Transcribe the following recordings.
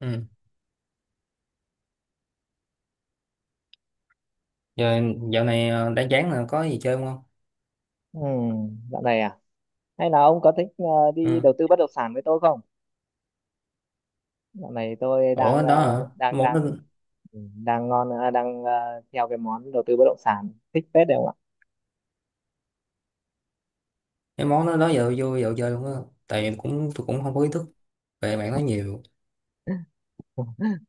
Ừ. Giờ dạo này đã chán là có gì chơi không? Ừ, dạo này à? Hay là ông có thích đi Ừ. đầu tư bất động sản với tôi không? Dạo này tôi Ủa đó hả? đang Món đó, đang ừ, đang ngon ờ, đang ờ, theo cái món đầu tư bất động sản thích phết đấy không ạ? cái món đó đó giờ vô dạo chơi luôn á. Tại tôi cũng không có ý thức về bạn nói nhiều.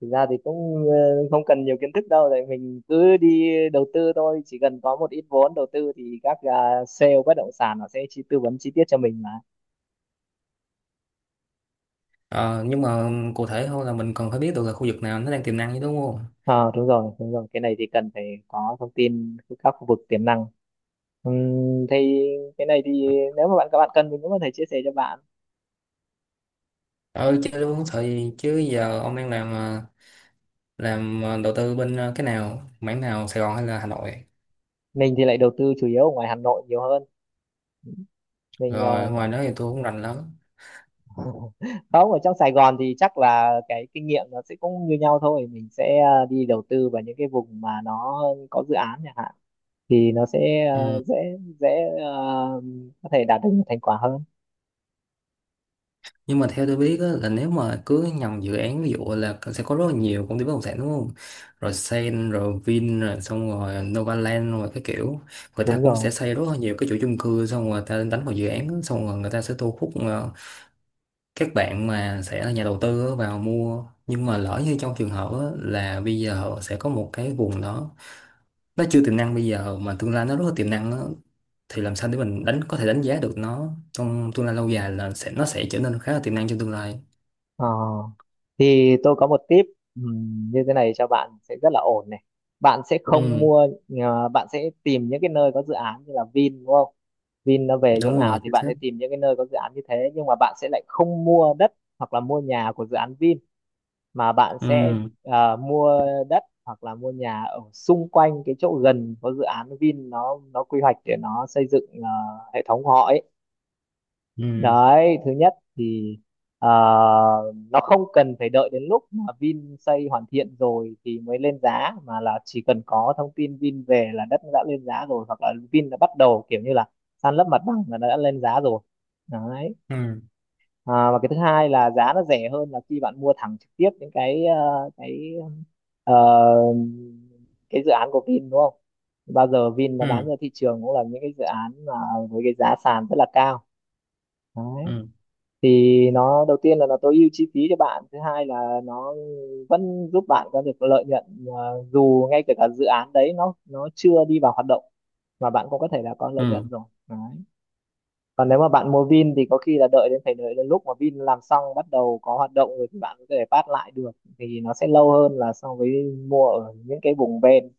Thực ra thì cũng không cần nhiều kiến thức đâu, tại mình cứ đi đầu tư thôi, chỉ cần có một ít vốn đầu tư thì các sale bất động sản nó sẽ chi tư vấn chi tiết cho mình mà. Ờ, nhưng mà cụ thể thôi là mình cần phải biết được là khu vực nào nó đang tiềm năng chứ đúng không? Ờ đúng rồi, cái này thì cần phải có thông tin các khu vực tiềm năng. Thì cái này thì nếu mà các bạn cần mình cũng có thể chia sẻ cho bạn. Ừ chơi luôn thời chứ giờ ông đang làm đầu tư bên cái nào, mảng nào Sài Gòn hay là Hà Nội? Mình thì lại đầu tư chủ yếu ở ngoài Hà Nội nhiều hơn. mình ờ, Rồi ngoài đó thì tôi cũng rành lắm. Không, ở trong Sài Gòn thì chắc là cái kinh nghiệm nó sẽ cũng như nhau thôi, mình sẽ đi đầu tư vào những cái vùng mà nó có dự án chẳng hạn, thì nó sẽ Ừ. dễ, dễ ờ, có thể đạt được nhiều thành quả hơn. Nhưng mà theo tôi biết á, là nếu mà cứ nhầm dự án ví dụ là sẽ có rất là nhiều công ty bất động sản đúng không? Rồi Sen, rồi Vin, rồi xong rồi Novaland, rồi cái kiểu người ta Đúng cũng sẽ rồi, xây rất là nhiều cái chuỗi chung cư xong rồi người ta đánh vào dự án á, xong rồi người ta sẽ thu hút các bạn mà sẽ là nhà đầu tư á, vào mua nhưng mà lỡ như trong trường hợp á, là bây giờ họ sẽ có một cái vùng đó nó chưa tiềm năng bây giờ mà tương lai nó rất là tiềm năng á, thì làm sao để mình có thể đánh giá được nó trong tương lai lâu dài là nó sẽ trở nên khá là tiềm năng trong tương lai. ờ, thì tôi có một tip, như thế này cho bạn sẽ rất là ổn này. Bạn sẽ không Ừ, mua, bạn sẽ tìm những cái nơi có dự án như là Vin, đúng không? Vin nó về chỗ đúng nào rồi, thì chính bạn xác. sẽ tìm những cái nơi có dự án như thế, nhưng mà bạn sẽ lại không mua đất hoặc là mua nhà của dự án Vin, mà bạn sẽ Ừ, mua đất hoặc là mua nhà ở xung quanh cái chỗ gần có dự án Vin nó quy hoạch để nó xây dựng hệ thống của họ ấy. ừ, Đấy, thứ nhất thì à, nó không cần phải đợi đến lúc mà Vin xây hoàn thiện rồi thì mới lên giá, mà là chỉ cần có thông tin Vin về là đất đã lên giá rồi, hoặc là Vin đã bắt đầu kiểu như là san lấp mặt bằng là đã lên giá rồi. Đấy, ừ, à, và cái thứ hai là giá nó rẻ hơn là khi bạn mua thẳng trực tiếp những ờ, cái dự án của Vin đúng không, bao giờ Vin nó bán ừ, ra thị trường cũng là những cái dự án mà với cái giá sàn rất là cao. Đấy, ừ, thì nó đầu tiên là nó tối ưu chi phí cho bạn, thứ hai là nó vẫn giúp bạn có được lợi nhuận, dù ngay kể cả dự án đấy nó chưa đi vào hoạt động mà bạn cũng có thể là có lợi nhuận ừ, rồi. Đấy, còn nếu mà bạn mua Vin thì có khi là đợi đến phải đợi đến lúc mà Vin làm xong bắt đầu có hoạt động rồi thì bạn có thể phát lại được, thì nó sẽ lâu hơn là so với mua ở những cái vùng ven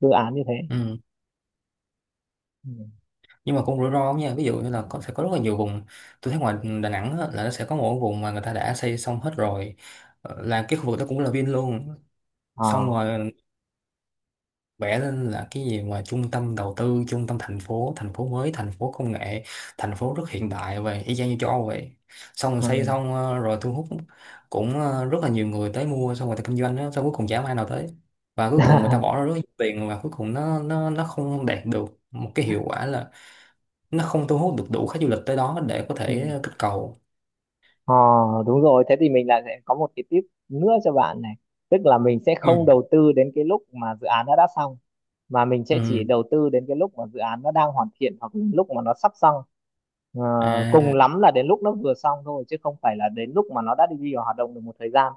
dự án như thế. ừ. Ừ. Nhưng mà cũng rủi ro lắm nha, ví dụ như là sẽ có rất là nhiều vùng. Tôi thấy ngoài Đà Nẵng á, là nó sẽ có một cái vùng mà người ta đã xây xong hết rồi. Ờ, là cái khu vực đó cũng là Vin luôn, Ờ. xong rồi vẽ lên là cái gì mà trung tâm đầu tư, trung tâm thành phố, thành phố mới, thành phố công nghệ, thành phố rất hiện đại về y chang như châu Âu vậy, xong rồi xây xong rồi thu hút cũng rất là nhiều người tới mua, xong người ta kinh doanh đó, xong cuối cùng chả ai nào tới, và cuối cùng người ta bỏ ra rất nhiều tiền, và cuối cùng nó không đạt được một cái hiệu quả là nó không thu hút được đủ khách du lịch tới đó để có Ừ. thể kích cầu. Ờ đúng rồi, thế thì mình lại sẽ có một cái tip nữa cho bạn này. Tức là mình sẽ không Ừ. đầu tư đến cái lúc mà dự án nó đã xong, mà mình sẽ chỉ Ừ. đầu tư đến cái lúc mà dự án nó đang hoàn thiện hoặc là lúc mà nó sắp xong. Ờ, cùng À. lắm là đến lúc nó vừa xong thôi, chứ không phải là đến lúc mà nó đã đi vào hoạt động được một thời gian.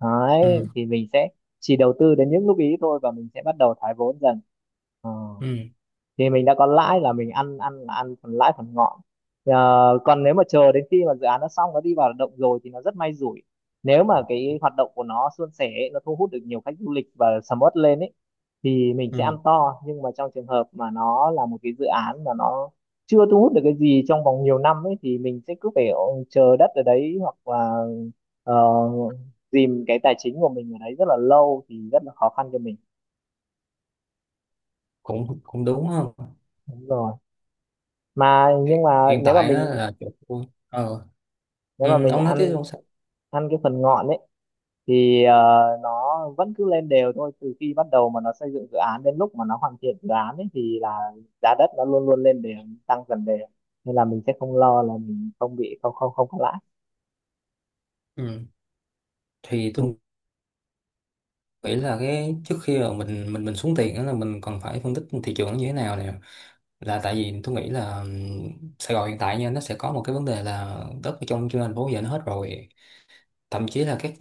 Đấy, Ừ, thì mình sẽ chỉ đầu tư đến những lúc ý thôi và mình sẽ bắt đầu thoái vốn dần. Ờ, ừ, thì mình đã có lãi là mình ăn ăn là ăn phần lãi phần ngọn. Ờ, còn nếu mà chờ đến khi mà dự án nó xong, nó đi vào hoạt động rồi thì nó rất may rủi. Nếu mà cái hoạt động của nó suôn sẻ ấy, nó thu hút được nhiều khách du lịch và sầm uất lên ấy thì mình sẽ ăn ừ, to, nhưng mà trong trường hợp mà nó là một cái dự án mà nó chưa thu hút được cái gì trong vòng nhiều năm ấy thì mình sẽ cứ phải chờ đất ở đấy, hoặc là ờ, dìm cái tài chính của mình ở đấy rất là lâu thì rất là khó khăn cho mình. cũng cũng đúng không? Đúng rồi, mà nhưng hiện, mà hiện nếu mà tại á mình là chỗ tôi ờ. nếu mà Ừ, mình ông nói tiếp ăn không sao. ăn cái phần ngọn ấy thì ờ, nó vẫn cứ lên đều thôi, từ khi bắt đầu mà nó xây dựng dự án đến lúc mà nó hoàn thiện dự án ấy thì là giá đất nó luôn luôn lên đều, tăng dần đều, nên là mình sẽ không lo là mình không bị không không không có lãi. Ừ. Thì Ừ, tôi nghĩ là cái trước khi mà mình xuống tiền á là mình còn phải phân tích thị trường nó như thế nào nè, là tại vì tôi nghĩ là Sài Gòn hiện tại nha, nó sẽ có một cái vấn đề là đất ở trong trên thành phố giờ nó hết rồi, thậm chí là các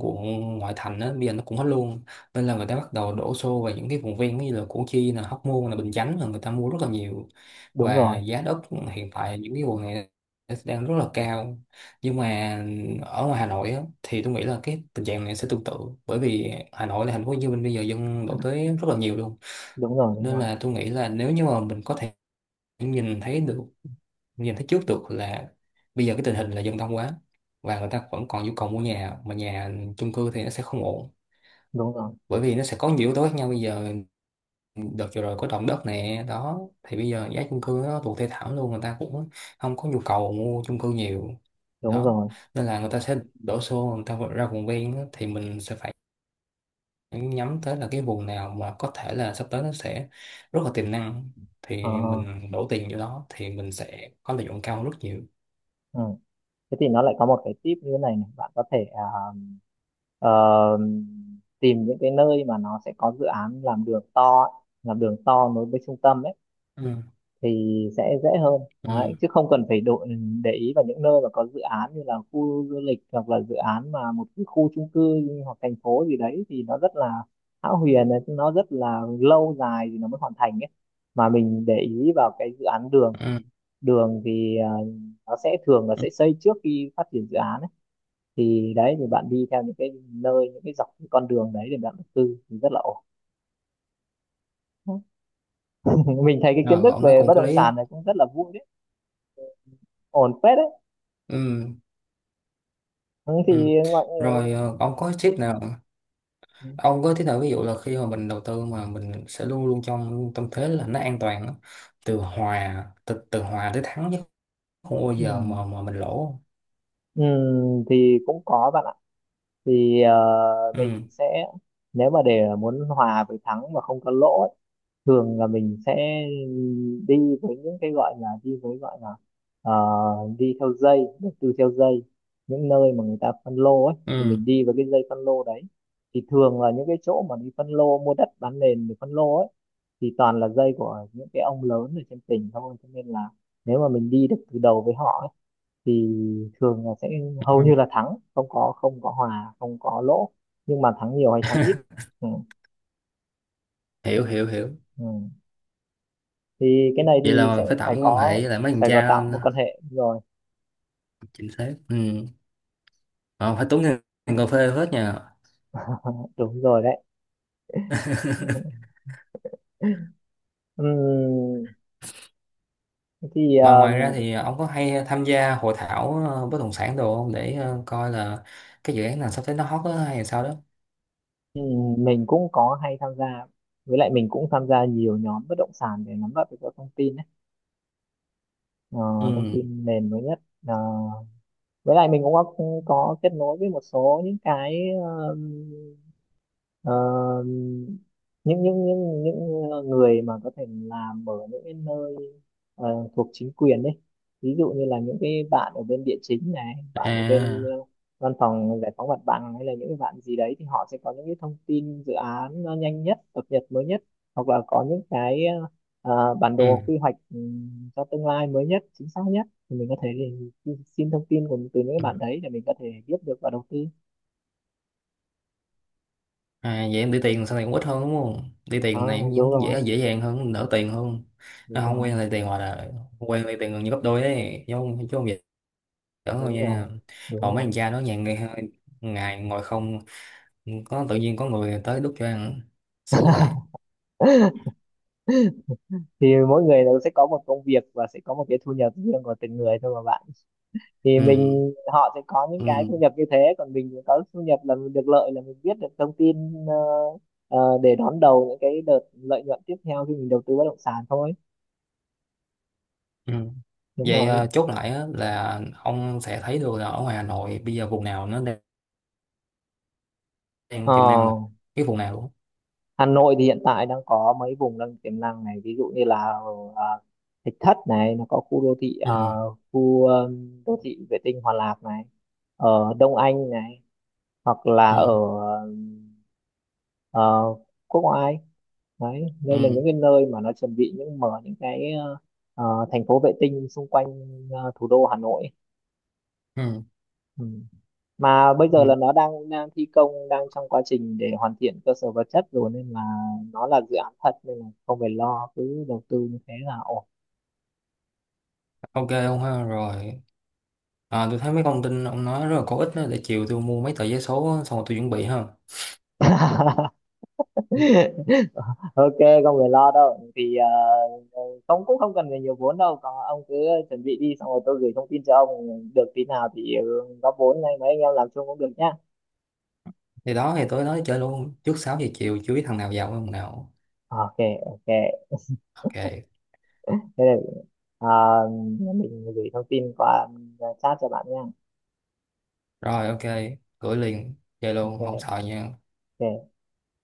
quận ngoại thành á, bây giờ nó cũng hết luôn, nên là người ta bắt đầu đổ xô vào những cái vùng ven như là Củ Chi, là Hóc Môn, là Bình Chánh, là người ta mua rất là nhiều, đúng và rồi, giá đất hiện tại những cái quận này đang rất là cao. Nhưng mà ở ngoài Hà Nội á, thì tôi nghĩ là cái tình trạng này sẽ tương tự, bởi vì Hà Nội là thành phố Hồ Chí Minh bây giờ dân đổ tới rất là nhiều luôn, đúng rồi, đúng nên rồi, là tôi nghĩ là nếu như mà mình có thể nhìn thấy được, nhìn thấy trước được là bây giờ cái tình hình là dân đông quá, và người ta vẫn còn nhu cầu mua nhà, mà nhà chung cư thì nó sẽ không ổn, đúng rồi, bởi vì nó sẽ có nhiều yếu tố khác nhau. Bây giờ đợt vừa rồi có động đất nè đó, thì bây giờ giá chung cư nó tụt thê thảm luôn, người ta cũng không có nhu cầu mua chung cư nhiều đúng đó, rồi. nên là người ta sẽ đổ xô, người ta ra vùng ven á, thì mình sẽ phải nhắm tới là cái vùng nào mà có thể là sắp tới nó sẽ rất là tiềm năng, Ờ, thì mình đổ tiền vô đó thì mình sẽ có lợi nhuận cao hơn rất nhiều. ừ, thế thì nó lại có một cái tip như thế này này, bạn có thể ờ, tìm những cái nơi mà nó sẽ có dự án làm đường to ấy, làm đường to nối với trung tâm ấy Ừ, thì sẽ dễ hơn đấy, ừ, chứ không cần phải độ để ý vào những nơi mà có dự án như là khu du lịch hoặc là dự án mà một cái khu chung cư hoặc thành phố gì đấy thì nó rất là hão huyền ấy, nó rất là lâu dài thì nó mới hoàn thành ấy. Mà mình để ý vào cái dự án đường, ừ, đường thì à, nó sẽ thường là ừ. sẽ xây trước khi phát triển dự án ấy, thì đấy thì bạn đi theo những cái nơi, những cái dọc cái con đường đấy để bạn đầu tư thì rất là ổn. Mình thấy cái kiến Ờ, thức ông nói về cũng bất có động lý á. sản này cũng rất là vui đấy, ổn phết đấy. Ừ, Ừ, thì ừ. ngoại. Rồi ông có tip nào, ông có tip nào ví dụ là khi mà mình đầu tư mà mình sẽ luôn luôn trong tâm thế là nó an toàn á, từ hòa tới thắng chứ không bao Ừ, giờ mà mình lỗ không? Ừ, thì cũng có bạn ạ. Thì Ừ, mình sẽ, nếu mà để muốn hòa với thắng mà không có lỗ ấy, thường là mình sẽ đi với những cái gọi là, đi với gọi là ờ, đi theo dây, đầu tư theo dây những nơi mà người ta phân lô ấy, thì ừ, mình đi với cái dây phân lô đấy. Thì thường là những cái chỗ mà đi phân lô mua đất bán nền để phân lô ấy thì toàn là dây của những cái ông lớn ở trên tỉnh thôi, cho nên là nếu mà mình đi được từ đầu với họ ấy, thì thường là sẽ hầu ừ. như là thắng, không có hòa, không có lỗ. Nhưng mà thắng nhiều hay thắng ít. Ừ. Hiểu, hiểu, hiểu. Ừ, thì cái này Vậy thì là sẽ mình phải tạo phải mối quan hệ có, với lại mấy thằng phải có cha. tạo một quan hệ rồi. Chính xác. Ừ. Ờ, phải tốn tiền, tiền cà phê hết nha. Đúng rồi đấy. Ừm, thì Ờ, ngoài ra thì ông có hay tham gia hội thảo bất động sản đồ không để coi là cái dự án nào sắp tới nó hot á hay là sao đó? Mình cũng có hay tham gia, với lại mình cũng tham gia nhiều nhóm bất động sản để nắm bắt được các thông tin ấy. Ờ, Ừ, thông tin nền mới nhất. Ờ, với lại mình cũng có kết nối với một số những cái, ờ, những người mà có thể làm ở những cái nơi ờ, thuộc chính quyền đấy. Ví dụ như là những cái bạn ở bên địa chính này, bạn ở bên à, văn phòng giải phóng mặt bằng, hay là những cái bạn gì đấy, thì họ sẽ có những cái thông tin dự án nó nhanh nhất, cập nhật mới nhất, hoặc là có những cái bản đồ ừ. quy hoạch, cho tương lai mới nhất, chính xác nhất, thì mình có thể xin xin thông tin của, từ những cái Ừ. bạn đấy để mình có thể biết được và đầu tư. À vậy em đi tiền sau này cũng ít hơn đúng không, đi Ờ, tiền này đúng cũng rồi, dễ, dễ dàng hơn, đỡ tiền hơn. À, đúng không rồi, quen lấy tiền, hoặc là quen lấy tiền gần như gấp đôi đấy chứ, không chứ không vậy đỡ thôi đúng rồi, nha. đúng Còn mấy rồi. thằng cha đó nhà ngày, ngày ngồi không, có tự nhiên có người tới đút cho ăn, sướng vậy. Thì mỗi người đều sẽ có một công việc và sẽ có một cái thu nhập riêng của từng người thôi mà bạn. Thì Ừ. mình, họ sẽ có những Ừ, cái thu nhập như thế, còn mình có thu nhập là mình được lợi là mình biết được thông tin, để đón đầu những cái đợt lợi nhuận tiếp theo khi mình đầu tư bất động sản thôi. ừ. Đúng Vậy rồi. ờ, chốt lại á, là ông sẽ thấy được là ở ngoài Hà Nội bây giờ vùng nào nó đang, đang Ờ, tiềm năng được, cái vùng nào luôn? Hà Nội thì hiện tại đang có mấy vùng đang tiềm năng này, ví dụ như là ờ, Thạch Thất này, nó có khu đô thị, Ừ, khu ờ, đô thị vệ tinh Hòa Lạc này, ở Đông Anh này, hoặc là ở ừ, ờ, quốc ngoại. Đấy, đây là ừ, những cái nơi mà nó chuẩn bị những mở những cái ờ, thành phố vệ tinh xung quanh ờ, thủ đô Hà Nội. ừ, Ừ, mà bây giờ ừ. là nó đang đang thi công, đang trong quá trình để hoàn thiện cơ sở vật chất rồi, nên là nó là dự án thật, nên là không phải lo, cứ đầu tư như thế là ổn. OK ông ha. Rồi à, tôi thấy mấy thông tin ông nói rất là có ích đó, để chiều tôi mua mấy tờ vé số xong rồi tôi chuẩn bị ha. Ok, không phải lo đâu, thì ờ, ông cũng không cần phải nhiều vốn đâu, còn ông cứ chuẩn bị đi xong rồi tôi gửi thông tin cho ông. Được tí nào thì ừ, góp vốn này, mấy anh em làm chung cũng được nhá. Thì đó, thì tối nói chơi luôn, trước 6 giờ chiều chưa biết thằng nào vào thằng nào. À, ok, ok, OK. thế là à, mình gửi thông tin qua, à, chat cho bạn nha. Rồi, ok, gửi liền, chơi luôn không Ok, sợ nha. ok.